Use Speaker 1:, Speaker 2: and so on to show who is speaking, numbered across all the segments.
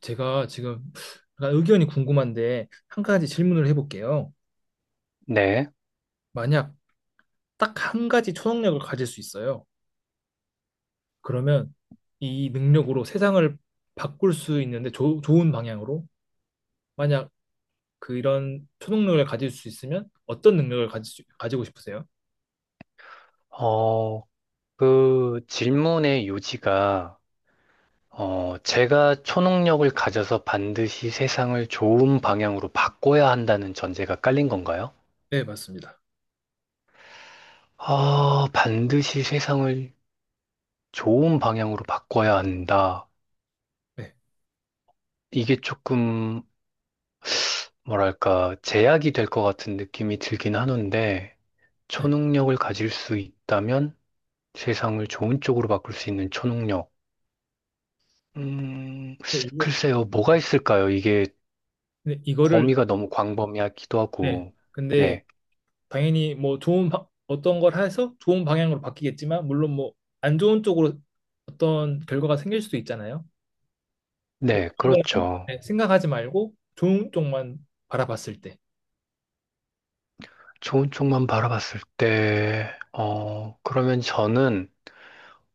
Speaker 1: 제가 지금 약간 의견이 궁금한데 한 가지 질문을 해볼게요.
Speaker 2: 네.
Speaker 1: 만약 딱 한 가지 초능력을 가질 수 있어요. 그러면 이 능력으로 세상을 바꿀 수 있는데 좋은 방향으로 만약 그런 초능력을 가질 수 있으면 어떤 능력을 가지고 싶으세요?
Speaker 2: 어, 그 질문의 요지가, 제가 초능력을 가져서 반드시 세상을 좋은 방향으로 바꿔야 한다는 전제가 깔린 건가요?
Speaker 1: 네, 맞습니다.
Speaker 2: 아, 반드시 세상을 좋은 방향으로 바꿔야 한다.
Speaker 1: 네.
Speaker 2: 이게 조금, 뭐랄까, 제약이 될 것 같은 느낌이 들긴 하는데,
Speaker 1: 네.
Speaker 2: 초능력을 가질 수 있다면 세상을 좋은 쪽으로 바꿀 수 있는 초능력. 음,
Speaker 1: 근데 이거,
Speaker 2: 글쎄요, 뭐가 있을까요? 이게
Speaker 1: 근데 이거를
Speaker 2: 범위가 너무 광범위하기도
Speaker 1: 네.
Speaker 2: 하고,
Speaker 1: 근데
Speaker 2: 네,
Speaker 1: 당연히 뭐 어떤 걸 해서 좋은 방향으로 바뀌겠지만 물론 뭐 안 좋은 쪽으로 어떤 결과가 생길 수도 있잖아요. 근데
Speaker 2: 네,
Speaker 1: 이런 걸
Speaker 2: 그렇죠.
Speaker 1: 네, 생각하지 말고 좋은 쪽만 바라봤을 때.
Speaker 2: 좋은 쪽만 바라봤을 때, 그러면 저는,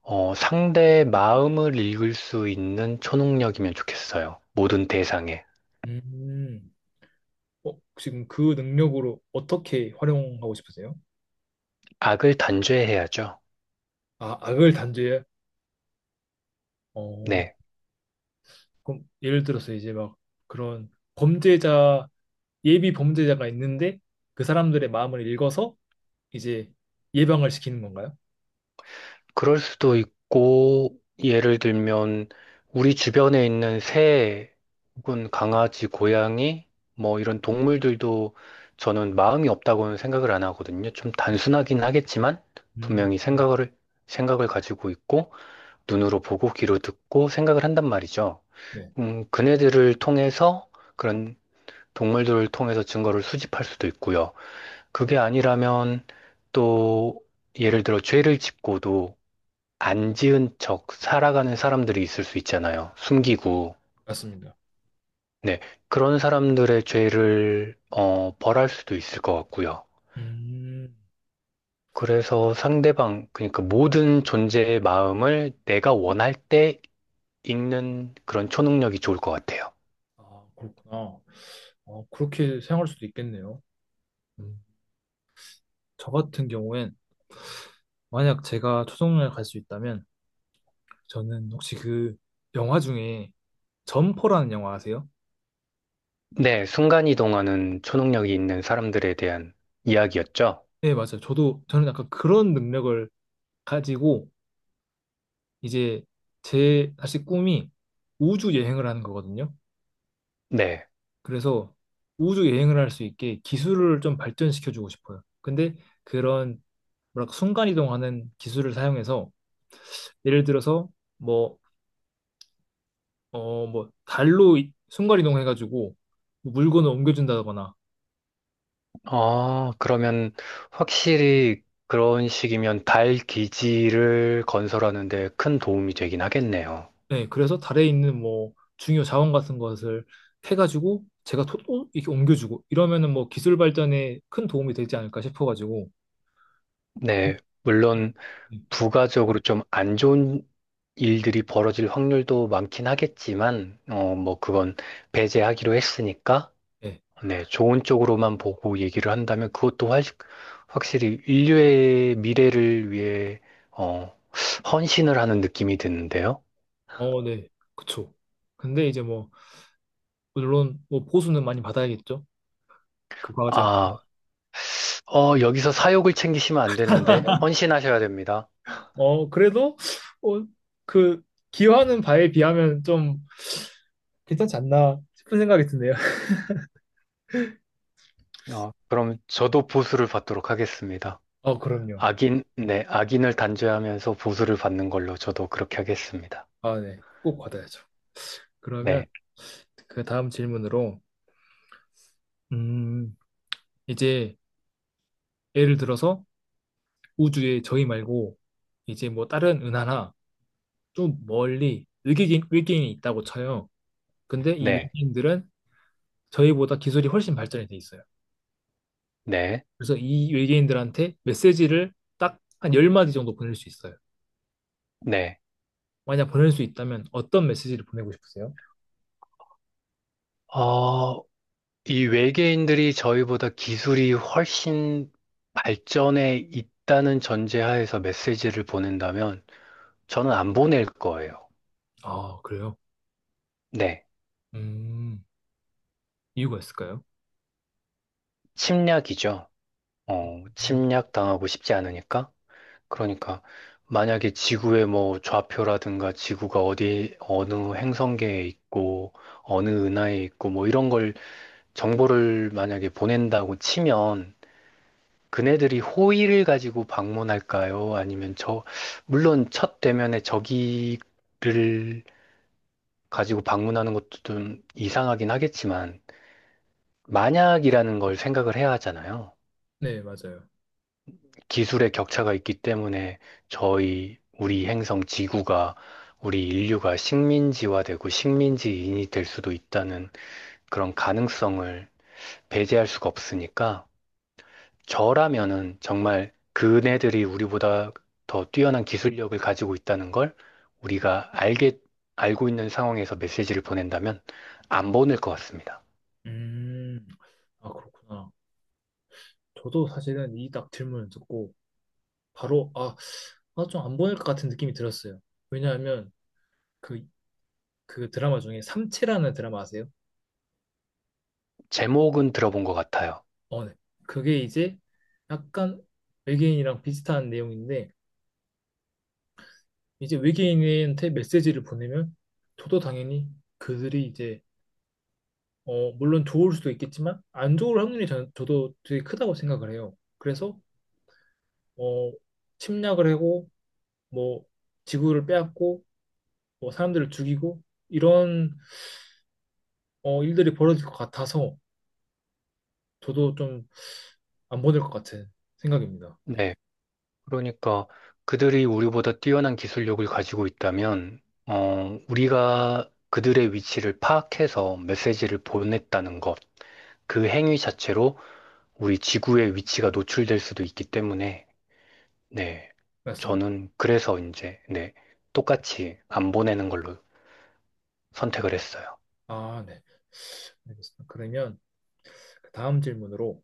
Speaker 2: 상대의 마음을 읽을 수 있는 초능력이면 좋겠어요. 모든 대상에.
Speaker 1: 음. 어, 지금 그 능력으로 어떻게 활용하고 싶으세요?
Speaker 2: 악을 단죄해야죠.
Speaker 1: 아, 악을 단죄해? 어,
Speaker 2: 네.
Speaker 1: 그럼 예를 들어서 이제 막 그런 범죄자, 예비 범죄자가 있는데 그 사람들의 마음을 읽어서 이제 예방을 시키는 건가요?
Speaker 2: 그럴 수도 있고, 예를 들면, 우리 주변에 있는 새 혹은 강아지, 고양이, 뭐 이런 동물들도 저는 마음이 없다고는 생각을 안 하거든요. 좀 단순하긴 하겠지만,
Speaker 1: 음,
Speaker 2: 분명히 생각을 가지고 있고, 눈으로 보고, 귀로 듣고, 생각을 한단 말이죠.
Speaker 1: 네,
Speaker 2: 그네들을 통해서, 그런 동물들을 통해서 증거를 수집할 수도 있고요. 그게 아니라면, 또, 예를 들어 죄를 짓고도, 안 지은 척 살아가는 사람들이 있을 수 있잖아요. 숨기고.
Speaker 1: 맞습니다.
Speaker 2: 네. 그런 사람들의 죄를, 벌할 수도 있을 것 같고요.
Speaker 1: 음,
Speaker 2: 그래서 상대방, 그러니까 모든 존재의 마음을 내가 원할 때 읽는 그런 초능력이 좋을 것 같아요.
Speaker 1: 아, 그렇구나. 어, 그렇게 생각할 수도 있겠네요. 음, 저 같은 경우엔 만약 제가 초정을 갈 수 있다면 저는 혹시 그 영화 중에 점퍼라는 영화 아세요?
Speaker 2: 네. 순간이동하는 초능력이 있는 사람들에 대한 이야기였죠.
Speaker 1: 네, 맞아요. 저도 저는 약간 그런 능력을 가지고 이제 제 사실 꿈이 우주 여행을 하는 거거든요.
Speaker 2: 네.
Speaker 1: 그래서 우주 여행을 할 수 있게 기술을 좀 발전시켜 주고 싶어요. 근데 그런 뭐랄까 순간 이동하는 기술을 사용해서 예를 들어서 뭐 뭐 달로 순간 이동해 가지고 물건을 옮겨준다거나
Speaker 2: 아 그러면 확실히 그런 식이면 달 기지를 건설하는 데 큰 도움이 되긴 하겠네요.
Speaker 1: 네, 그래서 달에 있는 뭐 중요 자원 같은 것을 해가지고 제가 토, 어? 이렇게 옮겨주고 이러면은 뭐 기술 발전에 큰 도움이 되지 않을까 싶어가지고 그
Speaker 2: 네, 물론
Speaker 1: 네,
Speaker 2: 부가적으로 좀 안 좋은 일들이 벌어질 확률도 많긴 하겠지만, 뭐 그건 배제하기로 했으니까,
Speaker 1: 네.
Speaker 2: 네, 좋은 쪽으로만 보고 얘기를 한다면 그것도 확실히 인류의 미래를 위해, 어, 헌신을 하는 느낌이 드는데요.
Speaker 1: 어, 네, 그쵸. 근데 이제 뭐 물론 뭐 보수는 많이 받아야겠죠. 그 과제.
Speaker 2: 아, 여기서 사욕을 챙기시면 안 되는데, 헌신하셔야 됩니다.
Speaker 1: 어, 그래도 어, 그 기여하는 바에 비하면 좀 괜찮지 않나 싶은 생각이 드네요.
Speaker 2: 그럼 저도 보수를 받도록 하겠습니다.
Speaker 1: 어, 그럼요.
Speaker 2: 악인, 네, 악인을 단죄하면서 보수를 받는 걸로 저도 그렇게 하겠습니다.
Speaker 1: 아, 네. 꼭 받아야죠. 그러면
Speaker 2: 네,
Speaker 1: 그 다음 질문으로, 음, 이제 예를 들어서 우주에 저희 말고 이제 뭐 다른 은하나 좀 멀리 외계인이 있다고 쳐요. 근데 이
Speaker 2: 네,
Speaker 1: 외계인들은 저희보다 기술이 훨씬 발전이 돼 있어요.
Speaker 2: 네,
Speaker 1: 그래서 이 외계인들한테 메시지를 딱 한 10마디 정도 보낼 수 있어요.
Speaker 2: 네.
Speaker 1: 만약 보낼 수 있다면 어떤 메시지를 보내고 싶으세요?
Speaker 2: 어, 이 외계인들이 저희보다 기술이 훨씬 발전해 있다는 전제하에서 메시지를 보낸다면 저는 안 보낼 거예요.
Speaker 1: 아, 그래요?
Speaker 2: 네,
Speaker 1: 음, 이유가 있을까요?
Speaker 2: 침략이죠.
Speaker 1: 음,
Speaker 2: 침략 당하고 싶지 않으니까. 그러니까 만약에 지구의 뭐 좌표라든가 지구가 어디 어느 행성계에 있고 어느 은하에 있고 뭐 이런 걸 정보를 만약에 보낸다고 치면 그네들이 호의를 가지고 방문할까요? 아니면 저 물론 첫 대면에 저기를 가지고 방문하는 것도 좀 이상하긴 하겠지만 만약이라는 걸 생각을 해야 하잖아요.
Speaker 1: 네, 맞아요.
Speaker 2: 기술의 격차가 있기 때문에 저희, 우리 행성 지구가, 우리 인류가 식민지화되고 식민지인이 될 수도 있다는 그런 가능성을 배제할 수가 없으니까 저라면은 정말 그네들이 우리보다 더 뛰어난 기술력을 가지고 있다는 걸 우리가 알게, 알고 있는 상황에서 메시지를 보낸다면 안 보낼 것 같습니다.
Speaker 1: 음, 아, 그렇구나. 저도 사실은 이 딱 질문을 듣고 바로, 아, 아, 좀 안 보낼 것 같은 느낌이 들었어요. 왜냐하면 그, 그 드라마 중에 삼체라는 드라마 아세요?
Speaker 2: 제목은 들어본 것 같아요.
Speaker 1: 어, 네. 그게 이제 약간 외계인이랑 비슷한 내용인데 이제 외계인한테 메시지를 보내면 저도 당연히 그들이 이제 어, 물론 좋을 수도 있겠지만 안 좋을 확률이 저도 되게 크다고 생각을 해요. 그래서 어, 침략을 하고 뭐 지구를 빼앗고 뭐 사람들을 죽이고 이런 어, 일들이 벌어질 것 같아서 저도 좀 안 보낼 것 같은 생각입니다.
Speaker 2: 네. 그러니까 그들이 우리보다 뛰어난 기술력을 가지고 있다면, 우리가 그들의 위치를 파악해서 메시지를 보냈다는 것, 그 행위 자체로 우리 지구의 위치가 노출될 수도 있기 때문에, 네.
Speaker 1: 맞습니다.
Speaker 2: 저는 그래서 이제, 네. 똑같이 안 보내는 걸로 선택을 했어요.
Speaker 1: 아, 네. 알겠습니다. 그러면 그 다음 질문으로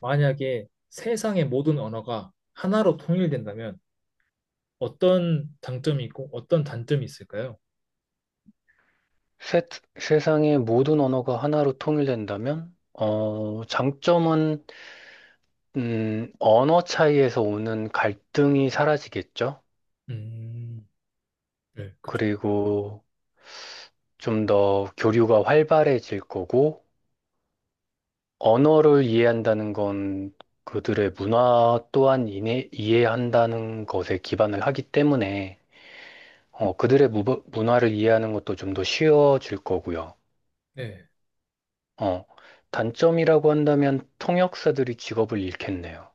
Speaker 1: 만약에 세상의 모든 언어가 하나로 통일된다면 어떤 장점이 있고 어떤 단점이 있을까요?
Speaker 2: 세, 세상의 모든 언어가 하나로 통일된다면, 장점은, 언어 차이에서 오는 갈등이 사라지겠죠?
Speaker 1: 음, 네, 그쵸.
Speaker 2: 그리고 좀 더 교류가 활발해질 거고, 언어를 이해한다는 건 그들의 문화 또한 이해한다는 것에 기반을 하기 때문에, 그들의 문화를 이해하는 것도 좀 더 쉬워질 거고요.
Speaker 1: 네.
Speaker 2: 어, 단점이라고 한다면 통역사들이 직업을 잃겠네요.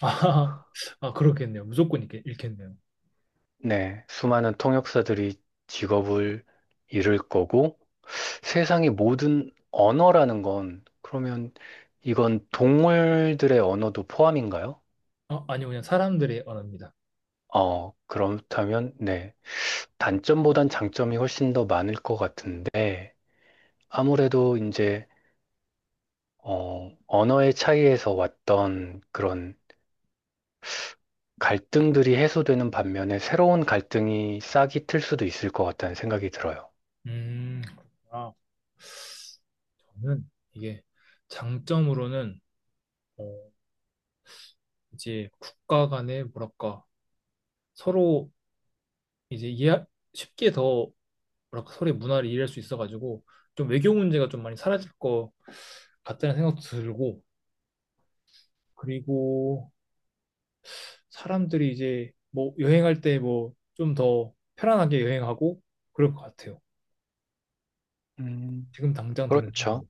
Speaker 1: 아, 아, 그렇겠네요. 무조건 읽겠네요.
Speaker 2: 네, 수많은 통역사들이 직업을 잃을 거고, 세상의 모든 언어라는 건, 그러면 이건 동물들의 언어도 포함인가요?
Speaker 1: 아, 아니요, 그냥 사람들의 언어입니다.
Speaker 2: 어, 그렇다면, 네. 단점보단 장점이 훨씬 더 많을 것 같은데, 아무래도 이제, 언어의 차이에서 왔던 그런 갈등들이 해소되는 반면에 새로운 갈등이 싹이 틀 수도 있을 것 같다는 생각이 들어요.
Speaker 1: 음, 아, 저는 이게 장점으로는 어, 이제 국가 간의 뭐랄까 서로 이제 이해 쉽게 더 뭐랄까 서로의 문화를 이해할 수 있어가지고 좀 외교 문제가 좀 많이 사라질 것 같다는 생각도 들고 그리고 사람들이 이제 뭐 여행할 때 뭐 좀 더 편안하게 여행하고 그럴 것 같아요.
Speaker 2: 음,
Speaker 1: 지금 당장 드는
Speaker 2: 그렇죠.
Speaker 1: 생각.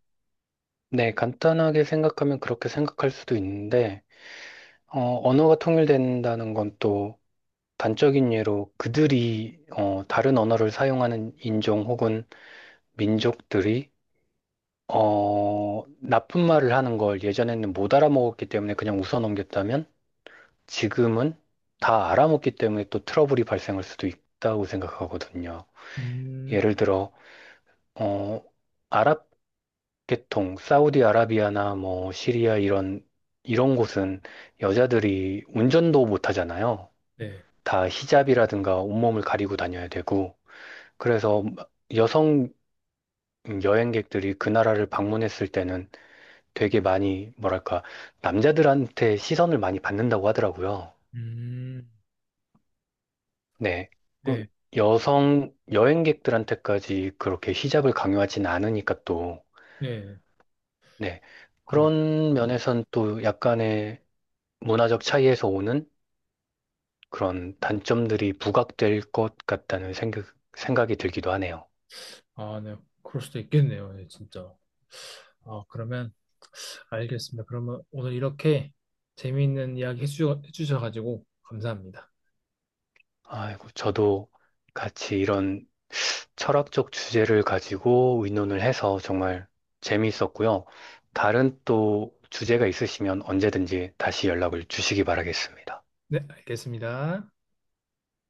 Speaker 2: 네, 간단하게 생각하면 그렇게 생각할 수도 있는데, 언어가 통일된다는 건 또 단적인 예로 그들이, 다른 언어를 사용하는 인종 혹은 민족들이, 나쁜 말을 하는 걸 예전에는 못 알아먹었기 때문에 그냥 웃어 넘겼다면, 지금은 다 알아먹기 때문에 또 트러블이 발생할 수도 있다고 생각하거든요.
Speaker 1: 음,
Speaker 2: 예를 들어, 어, 아랍 보통 사우디아라비아나 뭐 시리아 이런 이런 곳은 여자들이 운전도 못 하잖아요.
Speaker 1: 네,
Speaker 2: 다 히잡이라든가 온몸을 가리고 다녀야 되고 그래서 여성 여행객들이 그 나라를 방문했을 때는 되게 많이 뭐랄까 남자들한테 시선을 많이 받는다고 하더라고요.
Speaker 1: 음,
Speaker 2: 네. 그
Speaker 1: 네,
Speaker 2: 여성 여행객들한테까지 그렇게 히잡을 강요하진 않으니까 또
Speaker 1: 네,
Speaker 2: 네.
Speaker 1: 그러,
Speaker 2: 그런 면에선 또 약간의 문화적 차이에서 오는 그런 단점들이 부각될 것 같다는 생각이 들기도 하네요.
Speaker 1: 아, 네, 그럴 수도 있겠네요, 네, 진짜. 아, 그러면 알겠습니다. 그러면 오늘 이렇게 재미있는 이야기 해주셔가지고 감사합니다.
Speaker 2: 아이고, 저도 같이 이런 철학적 주제를 가지고 의논을 해서 정말 재미있었고요. 다른 또 주제가 있으시면 언제든지 다시 연락을 주시기 바라겠습니다.
Speaker 1: 네, 알겠습니다.